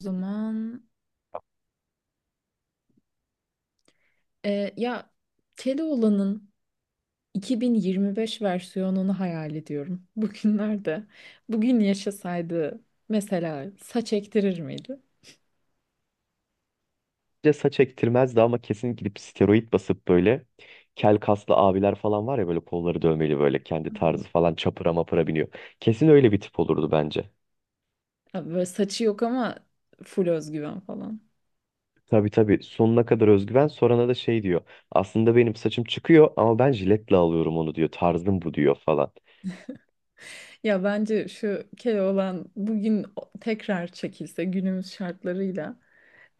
O zaman e, ya Keloğlan'ın 2025 versiyonunu hayal ediyorum bugünlerde. Bugün yaşasaydı mesela saç ektirir miydi? De saç ektirmezdi ama kesin gidip steroid basıp böyle kel kaslı abiler falan var ya, böyle kolları dövmeli, böyle kendi Evet. tarzı falan, çapıra mapıra biniyor. Kesin öyle bir tip olurdu bence. Ya böyle saçı yok ama full özgüven falan. Tabii tabii, sonuna kadar özgüven, sorana da şey diyor. Aslında benim saçım çıkıyor ama ben jiletle alıyorum onu diyor. Tarzım bu diyor falan. Ya bence şu Keloğlan bugün tekrar çekilse günümüz şartlarıyla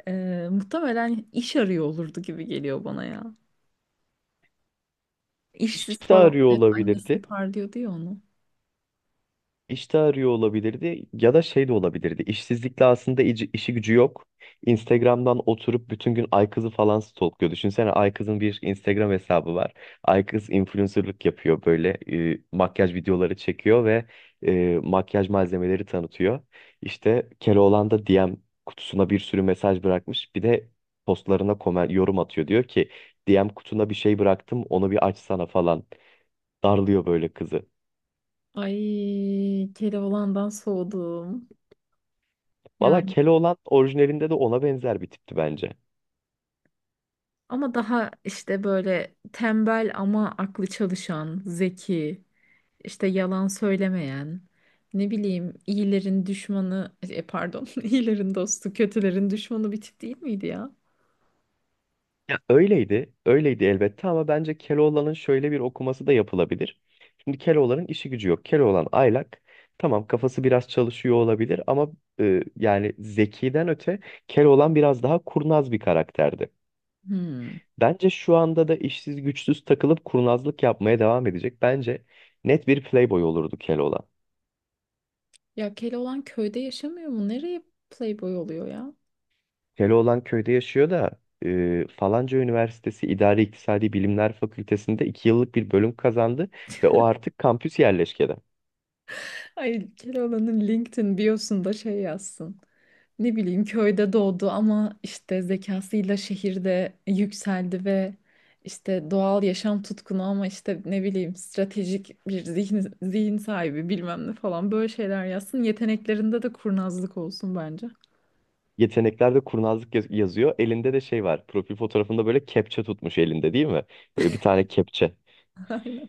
muhtemelen iş arıyor olurdu gibi geliyor bana ya. İşsiz İşte falan arıyor hep annesi olabilirdi. parlıyordu ya onu. İşte arıyor olabilirdi ya da şey de olabilirdi. İşsizlikle aslında işi gücü yok. Instagram'dan oturup bütün gün Aykız'ı falan stalkluyor. Düşünsene Aykız'ın bir Instagram hesabı var. Aykız influencerlık yapıyor, böyle makyaj videoları çekiyor ve makyaj malzemeleri tanıtıyor. İşte Keloğlan da DM kutusuna bir sürü mesaj bırakmış. Bir de postlarına komen, yorum atıyor. Diyor ki DM kutuna bir şey bıraktım, onu bir açsana falan. Darlıyor böyle kızı. Ay Keloğlan'dan soğudum. Valla Yani Keloğlan orijinalinde de ona benzer bir tipti bence. ama daha işte böyle tembel ama aklı çalışan, zeki, işte yalan söylemeyen, ne bileyim iyilerin düşmanı, pardon iyilerin dostu, kötülerin düşmanı bir tip değil miydi ya? Ya öyleydi, öyleydi elbette, ama bence Keloğlan'ın şöyle bir okuması da yapılabilir. Şimdi Keloğlan'ın işi gücü yok. Keloğlan aylak. Tamam, kafası biraz çalışıyor olabilir ama yani zekiden öte Keloğlan biraz daha kurnaz bir karakterdi. Hmm. Bence şu anda da işsiz güçsüz takılıp kurnazlık yapmaya devam edecek. Bence net bir playboy olurdu Keloğlan. Ya Keloğlan köyde yaşamıyor mu? Nereye playboy oluyor ya? Keloğlan köyde yaşıyor da falanca üniversitesi İdari İktisadi Bilimler Fakültesi'nde iki yıllık bir bölüm kazandı ve o artık kampüs yerleşkede. Ay Keloğlan'ın LinkedIn biosunda şey yazsın. Ne bileyim köyde doğdu ama işte zekasıyla şehirde yükseldi ve işte doğal yaşam tutkunu ama işte ne bileyim stratejik bir zihin sahibi bilmem ne falan böyle şeyler yazsın. Yeteneklerinde de kurnazlık olsun bence. Yeteneklerde kurnazlık yazıyor. Elinde de şey var. Profil fotoğrafında böyle kepçe tutmuş elinde, değil mi? Böyle bir tane kepçe. Aynen.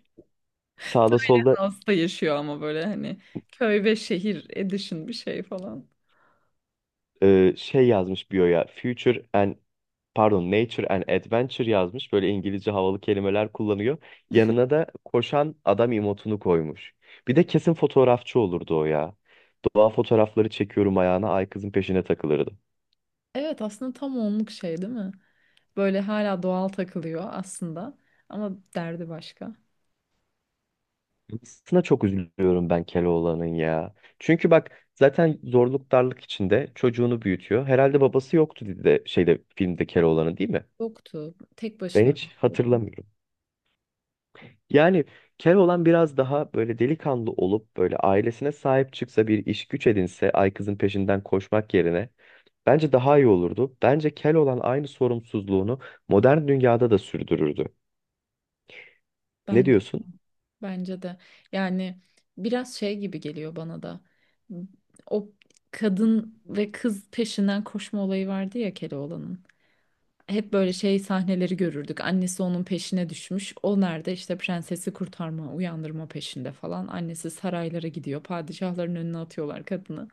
Sağda solda Hasta yaşıyor ama böyle hani köy ve şehir edition bir şey falan. Şey yazmış biyoya, Future and, pardon, Nature and Adventure yazmış. Böyle İngilizce havalı kelimeler kullanıyor. Yanına da koşan adam emotunu koymuş. Bir de kesin fotoğrafçı olurdu o ya. Doğa fotoğrafları çekiyorum ayağına ay kızın peşine takılırdı. Evet aslında tam onluk şey değil mi? Böyle hala doğal takılıyor aslında ama derdi başka. Aslında çok üzülüyorum ben Keloğlan'ın ya. Çünkü bak zaten zorluk darlık içinde çocuğunu büyütüyor. Herhalde babası yoktu dedi de şeyde, filmde, Keloğlan'ın, değil mi? Yoktu. Tek Ben başına. hiç hatırlamıyorum. Yani Keloğlan biraz daha böyle delikanlı olup böyle ailesine sahip çıksa, bir iş güç edinse, Aykız'ın peşinden koşmak yerine bence daha iyi olurdu. Bence Keloğlan aynı sorumsuzluğunu modern dünyada da sürdürürdü. Ne Ben diyorsun? Bence de yani biraz şey gibi geliyor bana da o kadın ve kız peşinden koşma olayı vardı ya Keloğlan'ın. Hep böyle şey sahneleri görürdük. Annesi onun peşine düşmüş. O nerede? İşte prensesi kurtarma, uyandırma peşinde falan. Annesi saraylara gidiyor. Padişahların önüne atıyorlar kadını.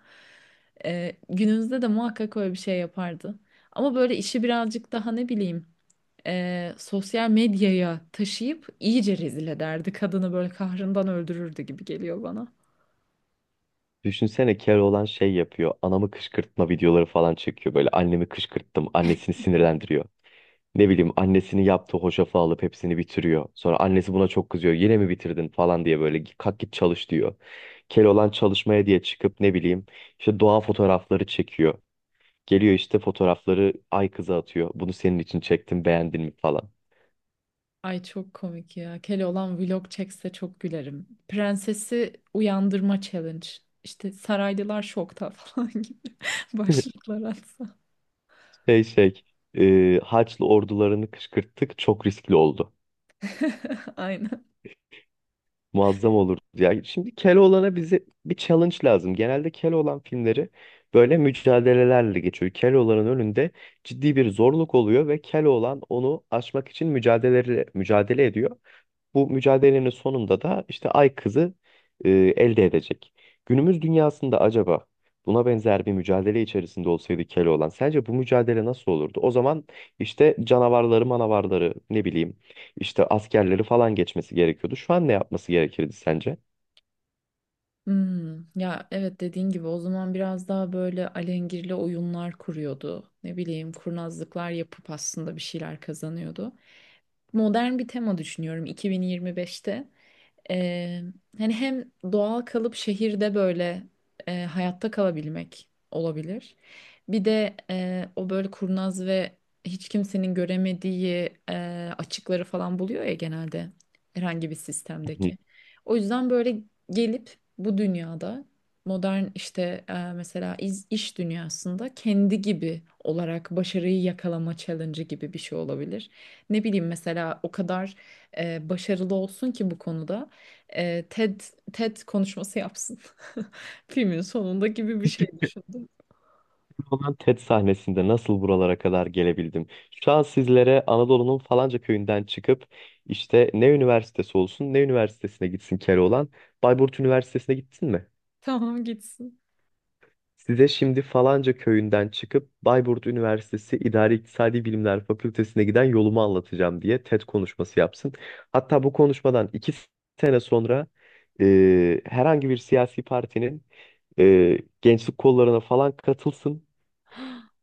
Günümüzde de muhakkak öyle bir şey yapardı. Ama böyle işi birazcık daha ne bileyim sosyal medyaya taşıyıp iyice rezil ederdi. Kadını böyle kahrından öldürürdü gibi geliyor bana. Düşünsene Keloğlan şey yapıyor. Anamı kışkırtma videoları falan çekiyor. Böyle annemi kışkırttım, annesini sinirlendiriyor. Ne bileyim annesinin yaptığı hoşafı alıp hepsini bitiriyor. Sonra annesi buna çok kızıyor. Yine mi bitirdin falan diye, böyle kalk git çalış diyor. Keloğlan çalışmaya diye çıkıp ne bileyim işte doğa fotoğrafları çekiyor. Geliyor işte fotoğrafları ay kıza atıyor. Bunu senin için çektim, beğendin mi falan. Ay çok komik ya. Keloğlan vlog çekse çok gülerim. Prensesi uyandırma challenge. İşte saraylılar şokta falan gibi başlıklar atsa. Şey şey Haçlı ordularını kışkırttık, çok riskli oldu. Aynen. Muazzam olur. Ya şimdi Keloğlan'a, bize bir challenge lazım. Genelde Keloğlan filmleri böyle mücadelelerle geçiyor. Keloğlan'ın önünde ciddi bir zorluk oluyor ve Keloğlan onu aşmak için mücadele ediyor. Bu mücadelenin sonunda da işte Ay Kızı elde edecek. Günümüz dünyasında acaba buna benzer bir mücadele içerisinde olsaydı Keloğlan, sence bu mücadele nasıl olurdu? O zaman işte canavarları, manavarları, ne bileyim işte askerleri falan geçmesi gerekiyordu. Şu an ne yapması gerekirdi sence? Hmm, ya evet dediğin gibi o zaman biraz daha böyle alengirli oyunlar kuruyordu. Ne bileyim kurnazlıklar yapıp aslında bir şeyler kazanıyordu. Modern bir tema düşünüyorum 2025'te. Ee, Hani hem doğal kalıp şehirde böyle hayatta kalabilmek olabilir. Bir de o böyle kurnaz ve hiç kimsenin göremediği açıkları falan buluyor ya genelde herhangi bir Hı. sistemdeki. O yüzden böyle gelip bu dünyada modern işte mesela iş dünyasında kendi gibi olarak başarıyı yakalama challenge'ı gibi bir şey olabilir. Ne bileyim mesela o kadar başarılı olsun ki bu konuda e, TED TED konuşması yapsın. Filmin sonunda gibi bir şey düşündüm. Olan TED sahnesinde nasıl buralara kadar gelebildim? Şu an sizlere Anadolu'nun falanca köyünden çıkıp, işte ne üniversitesi olsun, ne üniversitesine gitsin Keloğlan? Bayburt Üniversitesi'ne gitsin mi? Tamam gitsin. Size şimdi falanca köyünden çıkıp Bayburt Üniversitesi İdari İktisadi Bilimler Fakültesine giden yolumu anlatacağım diye TED konuşması yapsın. Hatta bu konuşmadan iki sene sonra herhangi bir siyasi partinin gençlik kollarına falan katılsın.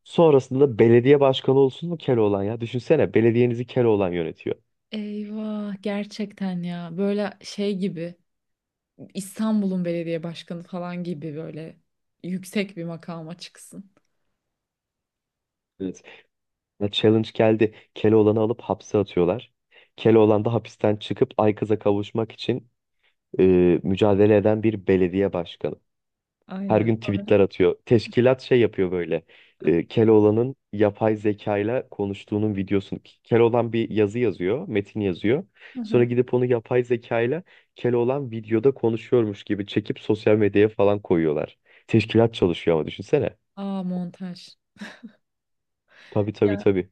Sonrasında belediye başkanı olsun mu Keloğlan ya? Düşünsene, belediyenizi Keloğlan yönetiyor. Eyvah gerçekten ya böyle şey gibi İstanbul'un belediye başkanı falan gibi böyle yüksek bir makama çıksın. Evet. Ya challenge geldi. Keloğlan'ı alıp hapse atıyorlar. Keloğlan da hapisten çıkıp Aykız'a kavuşmak için e, mücadele eden bir belediye başkanı. Her Aynen. gün Sonra. tweetler atıyor. Teşkilat şey yapıyor böyle. E, Keloğlan'ın yapay zekayla konuştuğunun videosunu. Keloğlan bir yazı yazıyor, metin yazıyor. Hı Sonra hı. gidip onu yapay zekayla, Keloğlan videoda konuşuyormuş gibi çekip sosyal medyaya falan koyuyorlar. Teşkilat çalışıyor ama, düşünsene. Aa, montaj. Tabii tabii Ya tabii.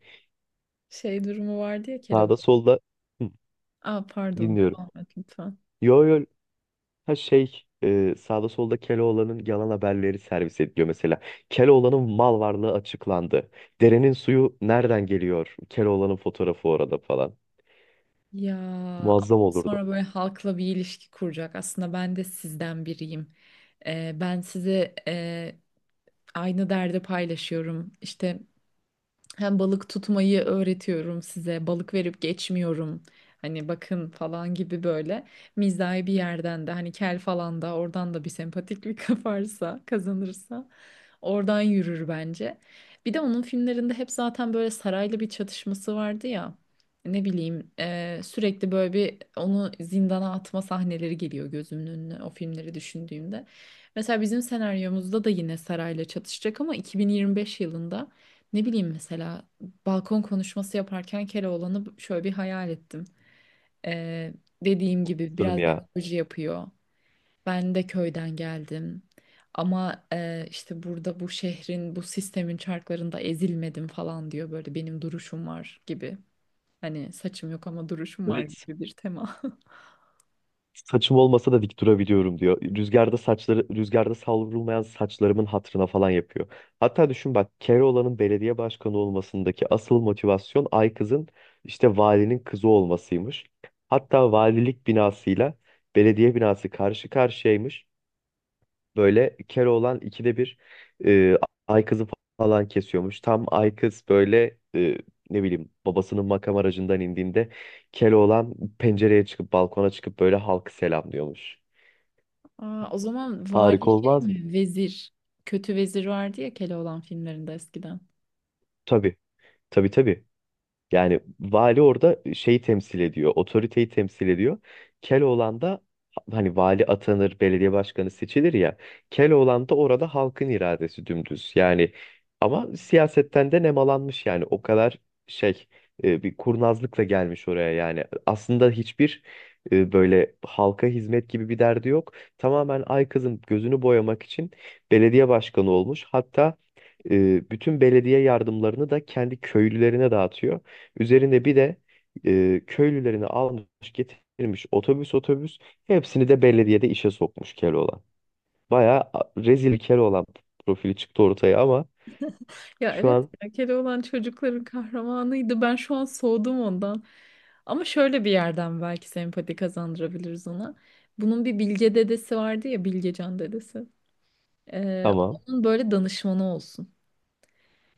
şey durumu vardı ya Keloğlan. Sağda solda hı, Aa, pardon, dinliyorum. devam et lütfen. Yo yo, ha şey, sağda solda Keloğlan'ın yalan haberleri servis ediliyor mesela. Keloğlan'ın mal varlığı açıklandı. Derenin suyu nereden geliyor? Keloğlan'ın fotoğrafı orada falan. Ya ama Muazzam olurdu. sonra böyle halkla bir ilişki kuracak. Aslında ben de sizden biriyim. Ben size aynı derdi paylaşıyorum. İşte hem balık tutmayı öğretiyorum size. Balık verip geçmiyorum. Hani bakın falan gibi böyle mizahi bir yerden de hani kel falan da oradan da bir sempatiklik kaparsa kazanırsa oradan yürür bence. Bir de onun filmlerinde hep zaten böyle sarayla bir çatışması vardı ya. Ne bileyim sürekli böyle bir onu zindana atma sahneleri geliyor gözümün önüne o filmleri düşündüğümde. Mesela bizim senaryomuzda da yine sarayla çatışacak ama 2025 yılında. Ne bileyim mesela balkon konuşması yaparken Keloğlan'ı şöyle bir hayal ettim. Ee, Dediğim gibi Muazzam biraz ya. demagoji yapıyor. Ben de köyden geldim. Ama işte burada bu şehrin, bu sistemin çarklarında ezilmedim falan diyor. Böyle benim duruşum var gibi. Hani saçım yok ama duruşum var Evet. gibi bir tema. Saçım olmasa da dik durabiliyorum diyor. Rüzgarda saçları, rüzgarda savrulmayan saçlarımın hatırına falan yapıyor. Hatta düşün bak, Keloğlan'ın belediye başkanı olmasındaki asıl motivasyon ay kızın işte valinin kızı olmasıymış. Hatta valilik binasıyla belediye binası karşı karşıyaymış, böyle Keloğlan ikide bir e, ay kızı falan kesiyormuş. Tam ay kız böyle, ne bileyim, babasının makam aracından indiğinde Keloğlan pencereye çıkıp, balkona çıkıp böyle halkı selamlıyormuş. Aa, o zaman vali Harika şey olmaz mı? mi? Vezir. Kötü vezir vardı ya Keloğlan filmlerinde eskiden. Tabii tabii tabii. Yani vali orada şeyi temsil ediyor, otoriteyi temsil ediyor. Keloğlan da, hani vali atanır, belediye başkanı seçilir ya. Keloğlan da orada halkın iradesi dümdüz. Yani ama siyasetten de nemalanmış, yani o kadar şey, bir kurnazlıkla gelmiş oraya yani. Aslında hiçbir böyle halka hizmet gibi bir derdi yok. Tamamen ay kızın gözünü boyamak için belediye başkanı olmuş. Hatta bütün belediye yardımlarını da kendi köylülerine dağıtıyor. Üzerinde bir de köylülerini almış getirmiş, otobüs otobüs hepsini de belediyede işe sokmuş Keloğlan. Bayağı rezil Keloğlan profili çıktı ortaya ama Ya şu evet an ya Keloğlan çocukların kahramanıydı. Ben şu an soğudum ondan. Ama şöyle bir yerden belki sempati kazandırabiliriz ona. Bunun bir Bilge dedesi vardı ya, Bilgecan dedesi. Tamam, Onun böyle danışmanı olsun.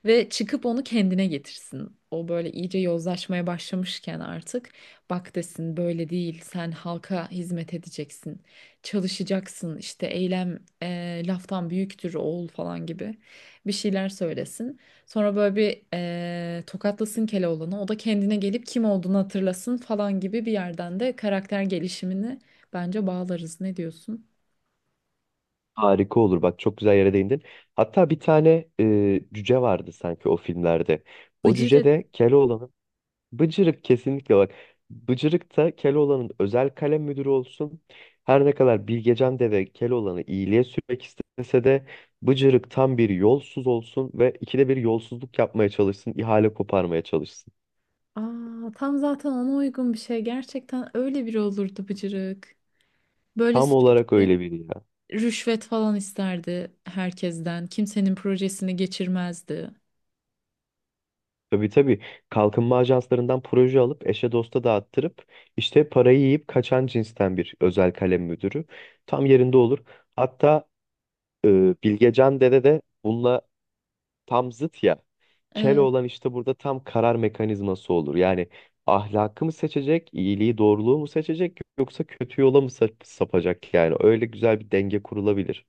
Ve çıkıp onu kendine getirsin. O böyle iyice yozlaşmaya başlamışken artık bak desin, böyle değil, sen halka hizmet edeceksin. Çalışacaksın, işte eylem laftan büyüktür oğul falan gibi bir şeyler söylesin. Sonra böyle bir tokatlasın Keloğlan'ı, o da kendine gelip kim olduğunu hatırlasın falan gibi bir yerden de karakter gelişimini bence bağlarız. Ne diyorsun? harika olur bak, çok güzel yere değindin. Hatta bir tane cüce vardı sanki o filmlerde. O cüce Bıcırık. de Keloğlan'ın, Bıcırık kesinlikle bak. Bıcırık da Keloğlan'ın özel kalem müdürü olsun. Her ne kadar Bilgecan Deve Keloğlan'ı iyiliğe sürmek istese de Bıcırık tam bir yolsuz olsun ve ikide bir yolsuzluk yapmaya çalışsın, ihale koparmaya çalışsın. Aa, tam zaten ona uygun bir şey. Gerçekten öyle biri olurdu Bıcırık. Böyle Tam olarak sürekli öyle biri ya. rüşvet falan isterdi herkesten. Kimsenin projesini geçirmezdi. Tabii tabii, kalkınma ajanslarından proje alıp eşe dosta dağıttırıp işte parayı yiyip kaçan cinsten bir özel kalem müdürü. Tam yerinde olur. Hatta e, Bilgecan Dede de bununla tam zıt ya. Evet. Olan işte burada tam karar mekanizması olur. Yani ahlakı mı seçecek, iyiliği, doğruluğu mu seçecek, yoksa kötü yola mı sapacak yani. Öyle güzel bir denge kurulabilir.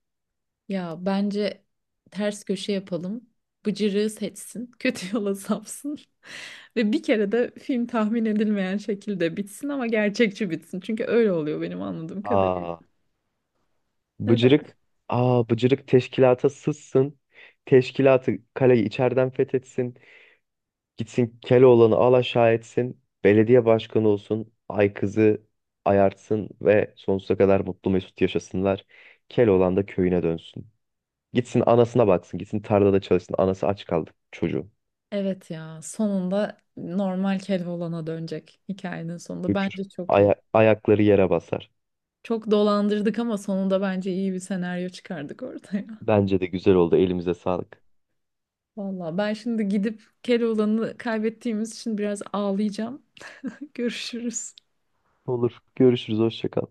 Ya bence ters köşe yapalım. Bıcırığı seçsin. Kötü yola sapsın. Ve bir kere de film tahmin edilmeyen şekilde bitsin ama gerçekçi bitsin. Çünkü öyle oluyor benim anladığım kadarıyla. Aa, Neden? bıcırık, bıcırık teşkilata sızsın. Teşkilatı, kaleyi içeriden fethetsin. Gitsin Keloğlan'ı al aşağı etsin. Belediye başkanı olsun. Ay kızı ayartsın ve sonsuza kadar mutlu mesut yaşasınlar. Keloğlan da köyüne dönsün. Gitsin anasına baksın. Gitsin tarlada çalışsın. Anası aç kaldı, çocuğu. Evet ya, sonunda normal Keloğlan'a dönecek hikayenin sonunda. Şükür. Bence çok iyi. Ayakları yere basar. Çok dolandırdık ama sonunda bence iyi bir senaryo çıkardık ortaya. Bence de güzel oldu. Elimize sağlık. Valla ben şimdi gidip Keloğlan'ı kaybettiğimiz için biraz ağlayacağım. Görüşürüz. Olur. Görüşürüz. Hoşça kal.